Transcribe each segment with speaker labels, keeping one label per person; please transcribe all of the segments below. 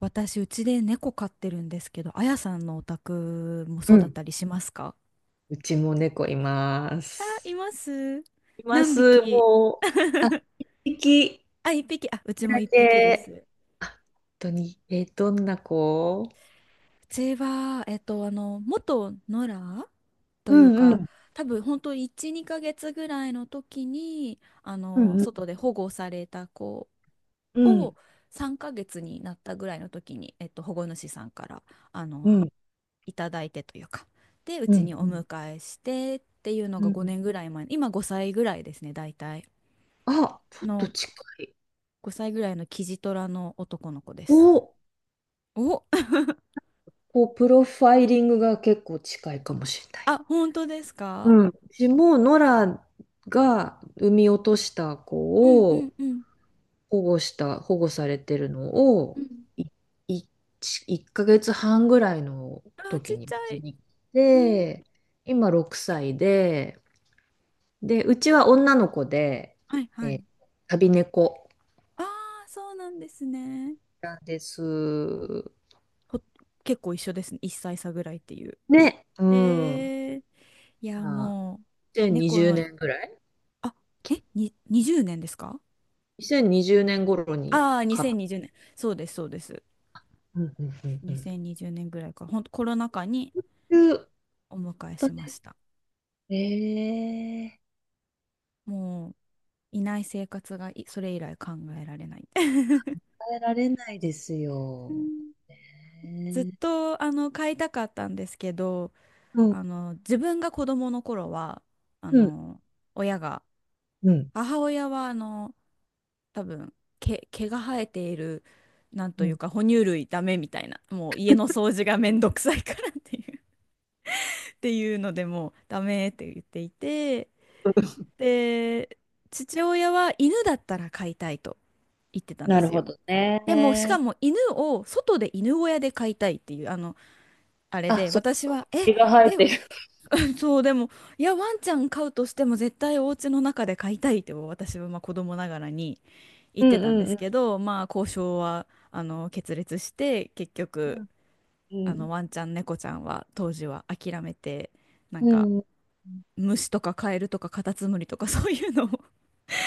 Speaker 1: 私、うちで猫飼ってるんですけど、あやさんのお宅も
Speaker 2: う
Speaker 1: そうだっ
Speaker 2: ん。
Speaker 1: たりしますか？
Speaker 2: うちも猫いま
Speaker 1: あ、い
Speaker 2: す。
Speaker 1: ます。
Speaker 2: いま
Speaker 1: 何
Speaker 2: す。
Speaker 1: 匹？
Speaker 2: もう、あ、一匹
Speaker 1: あ、一匹。あ、うちも
Speaker 2: だ
Speaker 1: 一匹で
Speaker 2: け。
Speaker 1: す。
Speaker 2: あ本当に。えー、どんな子？
Speaker 1: うちは、元野良
Speaker 2: う
Speaker 1: という
Speaker 2: んう
Speaker 1: か、
Speaker 2: ん。
Speaker 1: 多分本当1、2ヶ月ぐらいの時に、
Speaker 2: うんうん
Speaker 1: 外で保護された子
Speaker 2: うん、
Speaker 1: を3ヶ月になったぐらいの時に、保護主さんから、あ
Speaker 2: う
Speaker 1: の、
Speaker 2: ん、
Speaker 1: いただいてというか、でう
Speaker 2: う
Speaker 1: ち
Speaker 2: ん。
Speaker 1: にお迎えしてっていうの
Speaker 2: う
Speaker 1: が
Speaker 2: ん、
Speaker 1: 5年ぐらい前。今5歳ぐらいですね、大体
Speaker 2: あ、ちょっと
Speaker 1: の
Speaker 2: 近い。
Speaker 1: 5歳ぐらいのキジトラの男の子です。
Speaker 2: お、
Speaker 1: お。
Speaker 2: こう、プロファイリングが結構近いかもしれ ない。
Speaker 1: あ、本当です
Speaker 2: う
Speaker 1: か？
Speaker 2: ん。うちも、ノラが産み落とした
Speaker 1: うん
Speaker 2: 子
Speaker 1: うん
Speaker 2: を、
Speaker 1: うん、
Speaker 2: 保護されてるの
Speaker 1: う
Speaker 2: を、
Speaker 1: ん。
Speaker 2: い、い、1ヶ月半ぐらいの
Speaker 1: あーちっ
Speaker 2: 時に
Speaker 1: ち
Speaker 2: う
Speaker 1: ゃ
Speaker 2: ち
Speaker 1: い、
Speaker 2: に来
Speaker 1: うん。
Speaker 2: て、今6歳で、で、うちは女の子で、
Speaker 1: はいは
Speaker 2: え
Speaker 1: い、
Speaker 2: ー旅猫
Speaker 1: あーそうなんですね。
Speaker 2: なんです。
Speaker 1: ほ結構一緒ですね、1歳差ぐらいっていう。
Speaker 2: ね、う
Speaker 1: え
Speaker 2: ん。
Speaker 1: ー、いやも
Speaker 2: じゃあ、
Speaker 1: う
Speaker 2: 2020
Speaker 1: 猫の、
Speaker 2: 年ぐらい？
Speaker 1: あに20年ですか？
Speaker 2: 2020 年頃に
Speaker 1: ああー、
Speaker 2: 買った。
Speaker 1: 2020年、そうですそうです。
Speaker 2: うんうんうん
Speaker 1: 2020年ぐらいから、ほんとコロナ禍に
Speaker 2: うん。いう
Speaker 1: お迎え
Speaker 2: こと
Speaker 1: しま
Speaker 2: で、
Speaker 1: した。
Speaker 2: ええ、
Speaker 1: もう、いない生活が、それ以来考えられない。
Speaker 2: 変えられないですよ。
Speaker 1: ずっ
Speaker 2: ねえ、
Speaker 1: と買いたかったんですけど、
Speaker 2: うん。
Speaker 1: 自分が子どもの頃は、あ
Speaker 2: うん
Speaker 1: の親が、
Speaker 2: うん。
Speaker 1: 母親は多分、毛が生えている、なんと
Speaker 2: う
Speaker 1: いう
Speaker 2: ん。
Speaker 1: か哺乳類ダメみたいな、もう家の掃除がめんどくさいからっていう っていうのでもうダメって言っていて、で、父親は犬だったら飼いたいと言ってたんで
Speaker 2: なる
Speaker 1: す
Speaker 2: ほ
Speaker 1: よ。
Speaker 2: ど
Speaker 1: でも、しか
Speaker 2: ね。
Speaker 1: も犬を、外で犬小屋で飼いたいっていう、あれ
Speaker 2: あ、
Speaker 1: で、
Speaker 2: そう、
Speaker 1: 私は、
Speaker 2: 毛が生え
Speaker 1: え、
Speaker 2: てる。
Speaker 1: そう、でも、いや、ワンちゃん飼うとしても絶対お家の中で飼いたいって、私はまあ子供ながらに言
Speaker 2: う
Speaker 1: って
Speaker 2: ん
Speaker 1: たんで
Speaker 2: う
Speaker 1: す
Speaker 2: ん
Speaker 1: けど、まあ、交渉は、決裂して、結
Speaker 2: う
Speaker 1: 局、
Speaker 2: ん。
Speaker 1: ワンちゃん、猫ちゃんは当時は諦めて、なん
Speaker 2: う
Speaker 1: か、
Speaker 2: ん。うん。
Speaker 1: 虫とかカエルとかカタツムリとかそういうのを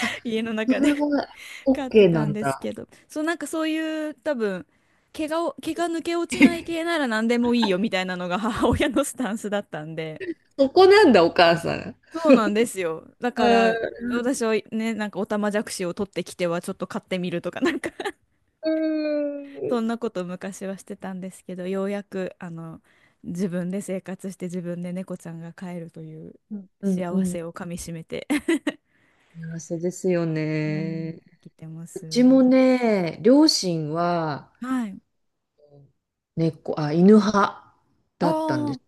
Speaker 2: あ、
Speaker 1: 家の
Speaker 2: そ
Speaker 1: 中
Speaker 2: れ
Speaker 1: で
Speaker 2: は
Speaker 1: 飼って
Speaker 2: OK な
Speaker 1: たん
Speaker 2: ん
Speaker 1: です
Speaker 2: だ。
Speaker 1: けど、そう、なんかそういう多分、毛が抜け落ちない系な ら何でもいいよみたいなのが母親のスタンスだったんで、
Speaker 2: そこなんだ、お母さん。
Speaker 1: そうなんですよ。だ
Speaker 2: う
Speaker 1: から、
Speaker 2: ん。
Speaker 1: 私はね、なんかオタマジャクシを取ってきてはちょっと飼ってみるとかなんか
Speaker 2: う
Speaker 1: そん
Speaker 2: ん
Speaker 1: なことを昔はしてたんですけど、ようやく自分で生活して自分で猫ちゃんが飼えるという
Speaker 2: うんう
Speaker 1: 幸
Speaker 2: ん。
Speaker 1: せをかみしめて
Speaker 2: 幸せですよ
Speaker 1: うん、
Speaker 2: ね。
Speaker 1: 生きてま
Speaker 2: うちも
Speaker 1: す。
Speaker 2: ね、両親は
Speaker 1: はい。
Speaker 2: 犬派
Speaker 1: あ
Speaker 2: だったんで
Speaker 1: あ、
Speaker 2: す。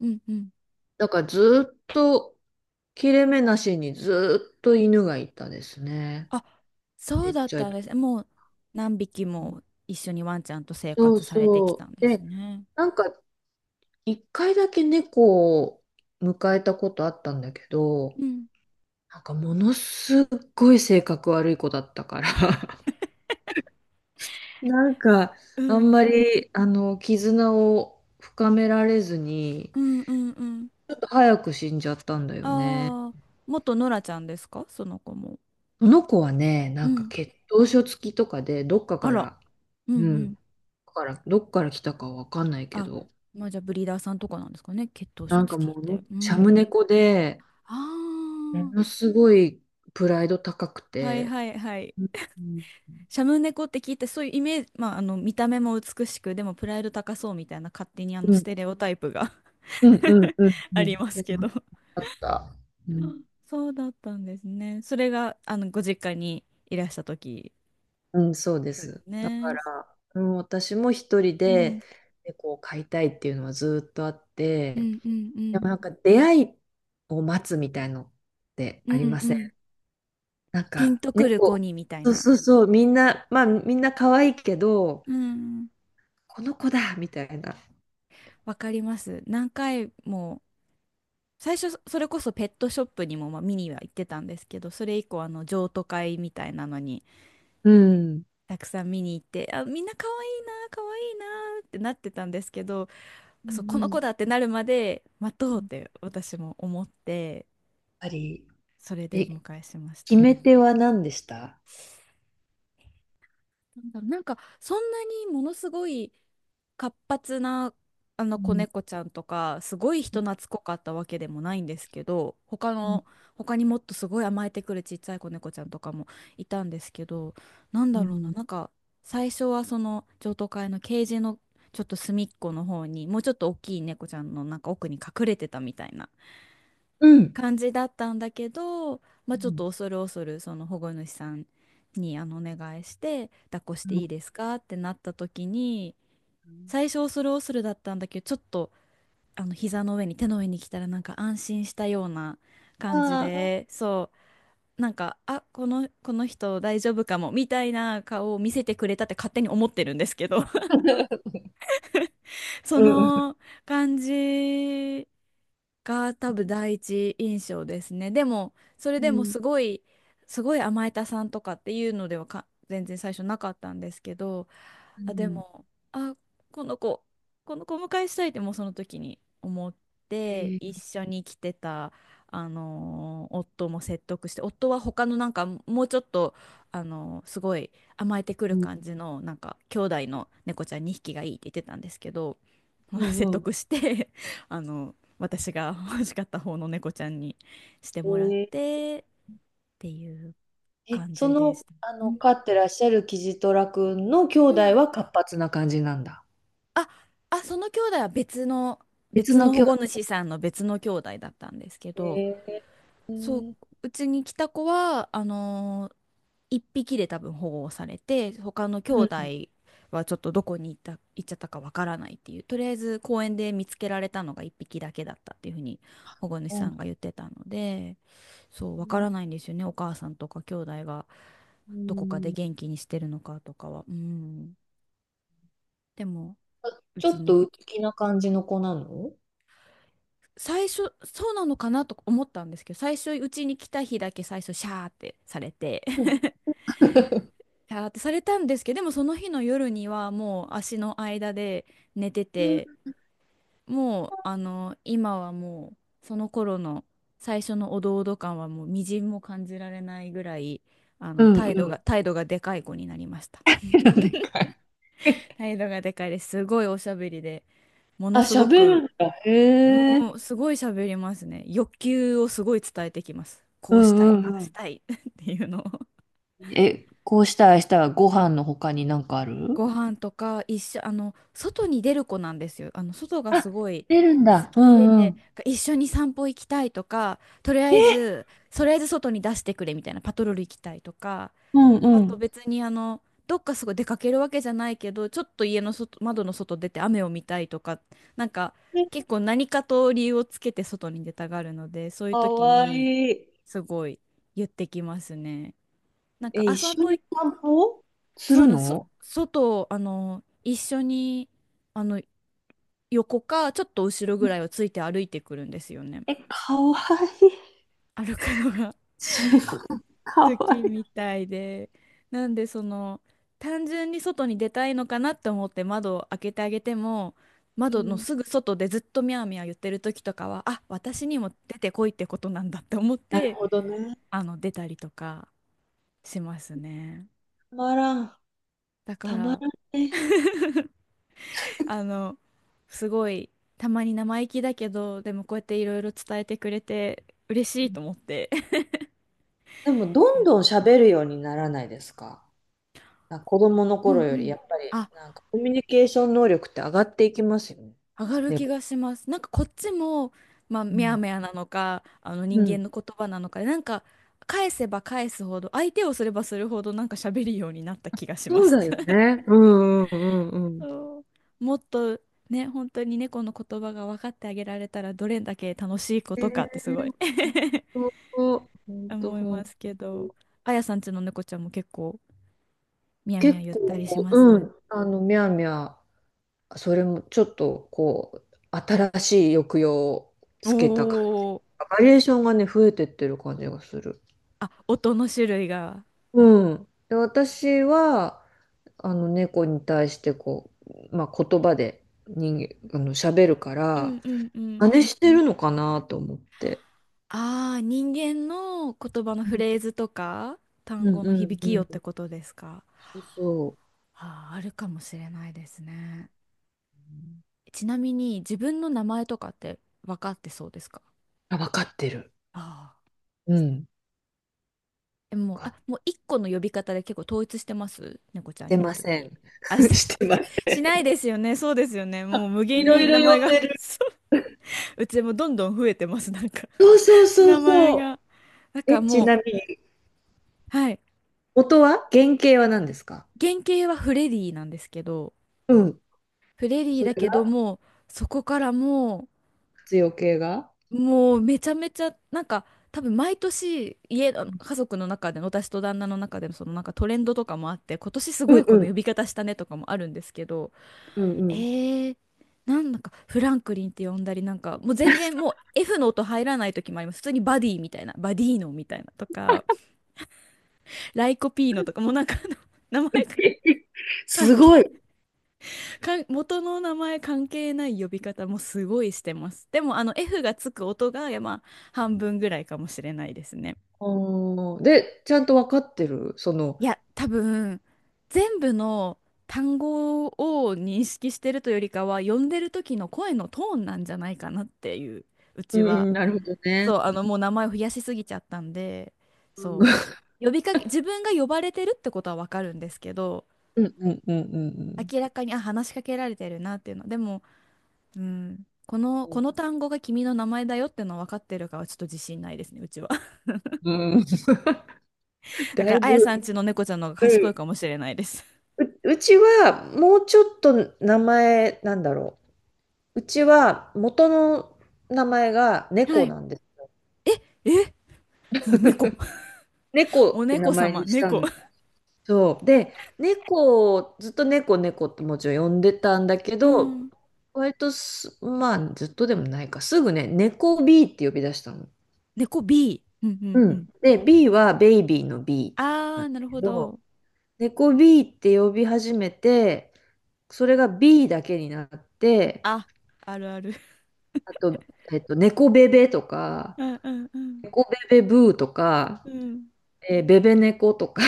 Speaker 1: うんうん。
Speaker 2: だからずっと切れ目なしにずっと犬がいたですね。
Speaker 1: あ、そ
Speaker 2: ち
Speaker 1: う
Speaker 2: っ
Speaker 1: だっ
Speaker 2: ちゃ
Speaker 1: たんで
Speaker 2: い、
Speaker 1: す。もう何匹も一緒にワンちゃんと生
Speaker 2: そう
Speaker 1: 活されてきた
Speaker 2: そ
Speaker 1: ん
Speaker 2: う。
Speaker 1: です
Speaker 2: で、
Speaker 1: ね。
Speaker 2: なんか一回だけ猫を迎えたことあったんだけど、
Speaker 1: うん。
Speaker 2: なんかものすっごい性格悪い子だったから、なんか
Speaker 1: う
Speaker 2: あん
Speaker 1: ん。
Speaker 2: まりあの絆を深められずに、
Speaker 1: うんうんうん。
Speaker 2: ちょっと早く死んじゃったんだよね。
Speaker 1: ああ、元ノラちゃんですか、その子も。
Speaker 2: その子はね、な
Speaker 1: う
Speaker 2: んか
Speaker 1: ん。
Speaker 2: 血統書付きとかで、どっか
Speaker 1: あ
Speaker 2: か
Speaker 1: ら。
Speaker 2: ら、
Speaker 1: うんう
Speaker 2: うん、
Speaker 1: ん。
Speaker 2: だからどっから来たかわかんないけ
Speaker 1: あ、
Speaker 2: ど、
Speaker 1: まあじゃあブリーダーさんとかなんですかね、血統書
Speaker 2: なんか
Speaker 1: 付
Speaker 2: も
Speaker 1: きっ
Speaker 2: うの、
Speaker 1: て。う
Speaker 2: シャム
Speaker 1: ん。
Speaker 2: 猫で、
Speaker 1: あ
Speaker 2: ものすごいプライド高く
Speaker 1: あ、はい
Speaker 2: て、
Speaker 1: はいはい。
Speaker 2: うん
Speaker 1: シャム猫って聞いて、そういうイメージ、まあ、見た目も美しく、でもプライド高そうみたいな、勝手に
Speaker 2: うんう
Speaker 1: ス
Speaker 2: ん
Speaker 1: テレオタイプが
Speaker 2: うんうんう
Speaker 1: あり
Speaker 2: ん、
Speaker 1: ますけど、
Speaker 2: あった。うん、
Speaker 1: そうだったんですね。それが、ご実家にいらした時。
Speaker 2: うん、そうで
Speaker 1: そうで
Speaker 2: す。
Speaker 1: す
Speaker 2: だ
Speaker 1: ね。
Speaker 2: から、うん、私も一人
Speaker 1: う
Speaker 2: で
Speaker 1: ん、
Speaker 2: 猫を飼いたいっていうのはずっとあっ
Speaker 1: う
Speaker 2: て、
Speaker 1: ん、うん、う
Speaker 2: でもなん
Speaker 1: ん、
Speaker 2: か出会いを待つみたいのって
Speaker 1: う
Speaker 2: あり
Speaker 1: ん、
Speaker 2: ま
Speaker 1: う
Speaker 2: せ
Speaker 1: ん。
Speaker 2: ん？なん
Speaker 1: ピン
Speaker 2: か
Speaker 1: とくる子
Speaker 2: 猫、
Speaker 1: にみたい
Speaker 2: そう
Speaker 1: な。
Speaker 2: そうそう、みんな、まあみんな可愛いけど、
Speaker 1: うんうん。
Speaker 2: この子だみたいな。
Speaker 1: わかります。何回も、最初、それこそペットショップにも、まあ、見には行ってたんですけど、それ以降、譲渡会みたいなのに、
Speaker 2: うん。
Speaker 1: たくさん見に行って、あ、みんな可愛いな、可愛いなってなってたんですけど、そう、この
Speaker 2: や
Speaker 1: 子
Speaker 2: っ
Speaker 1: だってなるまで待とうって、私も思って、
Speaker 2: ぱり、
Speaker 1: それでお
Speaker 2: え、
Speaker 1: 迎えしました
Speaker 2: 決め
Speaker 1: ね。
Speaker 2: 手は何でした？
Speaker 1: なんだろう、なんかそんなにものすごい活発なあの
Speaker 2: う
Speaker 1: 子
Speaker 2: ん、
Speaker 1: 猫ちゃんとかすごい人懐っこかったわけでもないんですけど、
Speaker 2: うん、
Speaker 1: 他にもっとすごい甘えてくるちっちゃい子猫ちゃんとかもいたんですけど、なん
Speaker 2: う
Speaker 1: だろうな、
Speaker 2: ん、
Speaker 1: なんか、最初はその譲渡会のケージのちょっと隅っこの方に、もうちょっと大きい猫ちゃんのなんか奥に隠れてたみたいな
Speaker 2: うん。
Speaker 1: 感じだったんだけど、まあ、
Speaker 2: う
Speaker 1: ちょっ
Speaker 2: ん、
Speaker 1: と恐る恐るその保護主さんにお願いして、抱っこしていい
Speaker 2: う
Speaker 1: ですかってなった時に、
Speaker 2: ん、
Speaker 1: 最初恐る恐るだったんだけど、ちょっと膝の上に、手の上に来たら、なんか安心したような感じ
Speaker 2: ああ、
Speaker 1: で、そう、なんか、この人大丈夫かもみたいな顔を見せてくれたって勝手に思ってるんですけど そ
Speaker 2: うんうん
Speaker 1: の感じが多分第一印象ですね。でも、それ
Speaker 2: う
Speaker 1: でも
Speaker 2: ん、
Speaker 1: すごい、すごい甘えたさんとかっていうのではか全然最初なかったんですけど、
Speaker 2: う
Speaker 1: あ、で
Speaker 2: ん、
Speaker 1: も、あ、この子、この子をお迎えしたいって、もうその時に思って、
Speaker 2: え
Speaker 1: 一
Speaker 2: ー、
Speaker 1: 緒に来てた、夫も説得して、夫は他のなんかもうちょっと、すごい甘えてくる
Speaker 2: うん
Speaker 1: 感じの、なんか兄弟の猫ちゃん2匹がいいって言ってたんですけど、
Speaker 2: う
Speaker 1: 説
Speaker 2: ん
Speaker 1: 得して 私が欲しかった方の猫ちゃんにして
Speaker 2: う
Speaker 1: もらっ
Speaker 2: ん、えー、
Speaker 1: てっていう
Speaker 2: え、
Speaker 1: 感
Speaker 2: そ
Speaker 1: じでし
Speaker 2: の、
Speaker 1: た。
Speaker 2: あ
Speaker 1: う
Speaker 2: の、
Speaker 1: ん
Speaker 2: 飼ってらっしゃるキジトラ君の兄
Speaker 1: う
Speaker 2: 弟
Speaker 1: ん、
Speaker 2: は活発な感じなんだ。
Speaker 1: あ、あ、その兄弟は
Speaker 2: 別
Speaker 1: 別
Speaker 2: の
Speaker 1: の保
Speaker 2: 兄弟。
Speaker 1: 護主さんの別の兄弟だったんですけど。
Speaker 2: えー、う
Speaker 1: そう、
Speaker 2: ん、
Speaker 1: うちに来た子は、一匹で多分保護をされて、他の兄弟はちょっと、どこに行った、行っちゃったかわからないっていう、とりあえず公園で見つけられたのが一匹だけだったっていうふうに保護主
Speaker 2: そうな
Speaker 1: さ
Speaker 2: ん
Speaker 1: ん
Speaker 2: だ。
Speaker 1: が言ってたので、そう、わからないんですよね、お母さんとか兄弟が
Speaker 2: う
Speaker 1: どこかで
Speaker 2: ん、
Speaker 1: 元気にしてるのかとかは。うん。でも、
Speaker 2: あ、
Speaker 1: う
Speaker 2: ちょ
Speaker 1: ち
Speaker 2: っ
Speaker 1: に、
Speaker 2: と内気な感じの子なの？
Speaker 1: 最初、そうなのかなと思ったんですけど、最初、うちに来た日だけ最初、シャーってされて、
Speaker 2: うん。
Speaker 1: あーってされたんですけど、でもその日の夜にはもう足の間で寝て
Speaker 2: うん、
Speaker 1: て、もう今は、もうその頃の最初のおどおど感はもうみじんも感じられないぐらい、
Speaker 2: うんうん。
Speaker 1: 態度がでかい子になりました。
Speaker 2: なんでかい。
Speaker 1: 態度がでかいです。すごいおしゃべりで、も
Speaker 2: あ、
Speaker 1: のすご
Speaker 2: 喋る
Speaker 1: く、
Speaker 2: んだ。へ
Speaker 1: もう
Speaker 2: え。
Speaker 1: すごい喋りますね。欲求をすごい伝えてきます。こ
Speaker 2: う
Speaker 1: うしたい、あ
Speaker 2: ん
Speaker 1: あ
Speaker 2: う
Speaker 1: し
Speaker 2: ん
Speaker 1: たい っていうのを、
Speaker 2: うん。え、こうしたらご飯の他になんかある？
Speaker 1: ご飯とか一緒、外に出る子なんですよ。外が
Speaker 2: あ、
Speaker 1: すごい
Speaker 2: 出るん
Speaker 1: 好
Speaker 2: だ。う
Speaker 1: き
Speaker 2: んう
Speaker 1: で、
Speaker 2: ん。
Speaker 1: 一緒に散歩行きたいとか、
Speaker 2: え、
Speaker 1: とりあえず外に出してくれみたいな、パトロール行きたいとか、
Speaker 2: うん
Speaker 1: あ
Speaker 2: う
Speaker 1: と
Speaker 2: ん。
Speaker 1: 別にどっかすごい出かけるわけじゃないけど、ちょっと家の外、窓の外出て雨を見たいとか、なんか結構何かと理由をつけて外に出たがるので、そういう
Speaker 2: か
Speaker 1: 時
Speaker 2: わ
Speaker 1: に
Speaker 2: いい。
Speaker 1: すごい言ってきますね。なんか、
Speaker 2: え、一
Speaker 1: あ、散
Speaker 2: 緒
Speaker 1: 歩
Speaker 2: に
Speaker 1: 行
Speaker 2: お散歩す
Speaker 1: そう
Speaker 2: る
Speaker 1: なん、
Speaker 2: の？
Speaker 1: 外、一緒に、あの、横か、ちょっと後ろぐらいをついて歩いてくるんですよね。
Speaker 2: え、かわいい。
Speaker 1: 歩くのが
Speaker 2: すごい、か
Speaker 1: 好
Speaker 2: わ
Speaker 1: き
Speaker 2: い
Speaker 1: みたいで。なんで、単純に外に出たいのかなって思って窓を開けてあげても、
Speaker 2: い。う
Speaker 1: 窓の
Speaker 2: ん。
Speaker 1: すぐ外でずっとミャーミャー言ってる時とかは、あ、私にも出てこいってことなんだって思っ
Speaker 2: なる
Speaker 1: て、
Speaker 2: ほどね。
Speaker 1: 出たりとかしますね。
Speaker 2: たまらん。
Speaker 1: だか
Speaker 2: たま
Speaker 1: ら、
Speaker 2: らんね。
Speaker 1: あの、すごい、たまに生意気だけど、でもこうやっていろいろ伝えてくれて、嬉しいと思って。
Speaker 2: でも、どんどん喋るようにならないですか？なんか子供の
Speaker 1: う
Speaker 2: 頃
Speaker 1: んう
Speaker 2: より、
Speaker 1: ん。
Speaker 2: やっぱり、
Speaker 1: あ、
Speaker 2: なんかコミュニケーション能力って上がっていきますよね。
Speaker 1: 上がる気
Speaker 2: 猫。
Speaker 1: がします。なんかこっちも、まあ、めやめやなのか、あの
Speaker 2: う
Speaker 1: 人
Speaker 2: ん。
Speaker 1: 間の言葉なのかで、なんか、返せば返すほど、相手をすればするほど、なんか喋るようになった気がしま
Speaker 2: そう
Speaker 1: す。
Speaker 2: だよ ね。うんうんうんうん。
Speaker 1: そう、もっと、ね、本当に猫の言葉が分かってあげられたら、どれだけ楽しいこ
Speaker 2: え
Speaker 1: とかってすごい
Speaker 2: ー、ほんと、
Speaker 1: 思い
Speaker 2: ほほん
Speaker 1: ま
Speaker 2: と。
Speaker 1: すけど、あやさんちの猫ちゃんも結構みやみや
Speaker 2: 結
Speaker 1: 言ったりし
Speaker 2: 構、
Speaker 1: ま
Speaker 2: う
Speaker 1: す？
Speaker 2: ん、あの、みゃーみゃー、それもちょっと、こう、新しい抑揚を
Speaker 1: お
Speaker 2: つけた感じ。
Speaker 1: お。
Speaker 2: バリエーションがね、増えてってる感じがする。
Speaker 1: あ、音の種類が。
Speaker 2: うん。で、私は、あの、猫に対して、こう、まあ、言葉で人間、あの、喋るか
Speaker 1: う
Speaker 2: ら、
Speaker 1: んうんうん。
Speaker 2: 真似してるのかなと思って。
Speaker 1: ああ、人間の言葉の
Speaker 2: う
Speaker 1: フ
Speaker 2: ん
Speaker 1: レーズとか単
Speaker 2: うん
Speaker 1: 語の
Speaker 2: う
Speaker 1: 響
Speaker 2: ん
Speaker 1: きよっ
Speaker 2: う
Speaker 1: て
Speaker 2: ん。
Speaker 1: ことですか？
Speaker 2: そうそう。
Speaker 1: ああ、あるかもしれないですね。ちなみに自分の名前とかって分かってそうですか？
Speaker 2: あ、わかってる。
Speaker 1: ああー、
Speaker 2: うん。
Speaker 1: え、もう、
Speaker 2: わ
Speaker 1: あ、
Speaker 2: か
Speaker 1: もう一個の呼び方で結構統一してます？
Speaker 2: し
Speaker 1: 猫ちゃん
Speaker 2: て
Speaker 1: 呼ぶ
Speaker 2: ま
Speaker 1: と
Speaker 2: せ
Speaker 1: き。
Speaker 2: ん。
Speaker 1: あ、して、
Speaker 2: してま
Speaker 1: し、
Speaker 2: せ
Speaker 1: しない
Speaker 2: ん。
Speaker 1: ですよね。そうですよね。もう無
Speaker 2: い
Speaker 1: 限
Speaker 2: ろ
Speaker 1: に
Speaker 2: いろ
Speaker 1: 名前
Speaker 2: 読
Speaker 1: が
Speaker 2: んで る。
Speaker 1: そう。うちもどんどん増えてます。なんか
Speaker 2: そうそう そ
Speaker 1: 名
Speaker 2: う
Speaker 1: 前
Speaker 2: そ
Speaker 1: が。なん
Speaker 2: う。え、
Speaker 1: か
Speaker 2: ち
Speaker 1: もう、
Speaker 2: なみに、
Speaker 1: はい。
Speaker 2: 原型は何ですか？
Speaker 1: 原型はフレディなんですけど、
Speaker 2: うん。
Speaker 1: フレディ
Speaker 2: そ
Speaker 1: だ
Speaker 2: れ
Speaker 1: けど
Speaker 2: が
Speaker 1: も、そこからも
Speaker 2: 活用形が、
Speaker 1: う、もうめちゃめちゃ、なんか、多分毎年家の家族の中での私と旦那の中でのそのなんかトレンドとかもあって、今年す
Speaker 2: う
Speaker 1: ご
Speaker 2: ん
Speaker 1: いこ
Speaker 2: う
Speaker 1: の呼
Speaker 2: ん。
Speaker 1: び方したねとかもあるんですけど、
Speaker 2: うんう
Speaker 1: え
Speaker 2: ん。
Speaker 1: ー、なんだかフランクリンって呼んだり、なんかもう全然もう F の音入らない時もあります。普通にバディみたいな、バディーノみたいなとか、ライコピーノとか、もうなんかあの 名前が、 関
Speaker 2: すご
Speaker 1: 係
Speaker 2: い。
Speaker 1: かん元の名前関係ない呼び方もすごいしてます。でもあの F がつく音が、いや、まあ半分ぐらいかもしれないですね。
Speaker 2: おー、で、ちゃんと分かってる。その、
Speaker 1: いや、多分全部の単語を認識してるというよりかは、呼んでる時の声のトーンなんじゃないかなっていう、う
Speaker 2: う
Speaker 1: ち
Speaker 2: ん
Speaker 1: は。
Speaker 2: うん、なるほどね。
Speaker 1: そう、あの、もう名前を増やしすぎちゃったんで、
Speaker 2: う
Speaker 1: そ
Speaker 2: ん
Speaker 1: う、呼びかけ、自分が呼ばれてるってことはわかるんですけど、
Speaker 2: うんうんうんうん
Speaker 1: 明らかに、あ、話しかけられてるなっていうの。でも、うん、
Speaker 2: う
Speaker 1: こ
Speaker 2: ん。
Speaker 1: の単語が君の名前だよってのは分かってるかはちょっと自信ないですね、うちは。だ
Speaker 2: だ
Speaker 1: か
Speaker 2: い
Speaker 1: ら、あや
Speaker 2: ぶ、
Speaker 1: さんちの猫ちゃんの方が
Speaker 2: うん、
Speaker 1: 賢いかもしれないです。
Speaker 2: うちはもうちょっと名前なんだろう。うちは元の名前が
Speaker 1: は
Speaker 2: 猫
Speaker 1: い。
Speaker 2: なんです。
Speaker 1: え、もう猫。
Speaker 2: 猫
Speaker 1: お
Speaker 2: って名
Speaker 1: 猫
Speaker 2: 前
Speaker 1: 様、
Speaker 2: にした
Speaker 1: 猫。
Speaker 2: の。そう。で、猫を、ずっと猫猫ってもちろん呼んでたんだけ
Speaker 1: う
Speaker 2: ど、
Speaker 1: ん。
Speaker 2: 割とまあずっとでもないか、すぐね、猫 B って呼び出したの。
Speaker 1: 猫 B。うんうん
Speaker 2: う
Speaker 1: う
Speaker 2: ん。
Speaker 1: ん。
Speaker 2: で、BはベイビーのB
Speaker 1: あ
Speaker 2: なん
Speaker 1: ー、
Speaker 2: だ
Speaker 1: なる
Speaker 2: け
Speaker 1: ほ
Speaker 2: ど、
Speaker 1: ど。
Speaker 2: 猫B って呼び始めて、それが B だけになって、
Speaker 1: あ、あるある。
Speaker 2: あと、えっと、猫ベベとか、
Speaker 1: うんうんうん。
Speaker 2: 猫ベベブーとか、
Speaker 1: うん。
Speaker 2: えー、ベベ猫とか、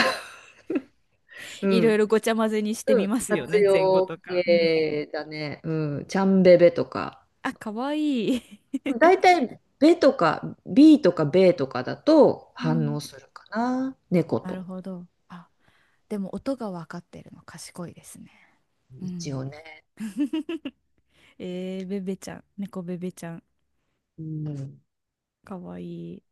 Speaker 2: う
Speaker 1: いろい
Speaker 2: ん、
Speaker 1: ろごちゃ混ぜにして
Speaker 2: う
Speaker 1: み
Speaker 2: ん、
Speaker 1: ますよ
Speaker 2: 活
Speaker 1: ね、前後と
Speaker 2: 用
Speaker 1: か。うん。
Speaker 2: 系だね、うん、ちゃんベベとか、
Speaker 1: あ、かわいい。
Speaker 2: 大体、ベとか、ビーとかベとかだと
Speaker 1: う
Speaker 2: 反
Speaker 1: ん。
Speaker 2: 応するかな、猫
Speaker 1: なる
Speaker 2: と、
Speaker 1: ほど。あ、でも音が分かってるの賢いですね。う
Speaker 2: 一
Speaker 1: ん。
Speaker 2: 応ね。
Speaker 1: えー、ベベちゃん、猫ベベちゃん、
Speaker 2: うん
Speaker 1: かわいい。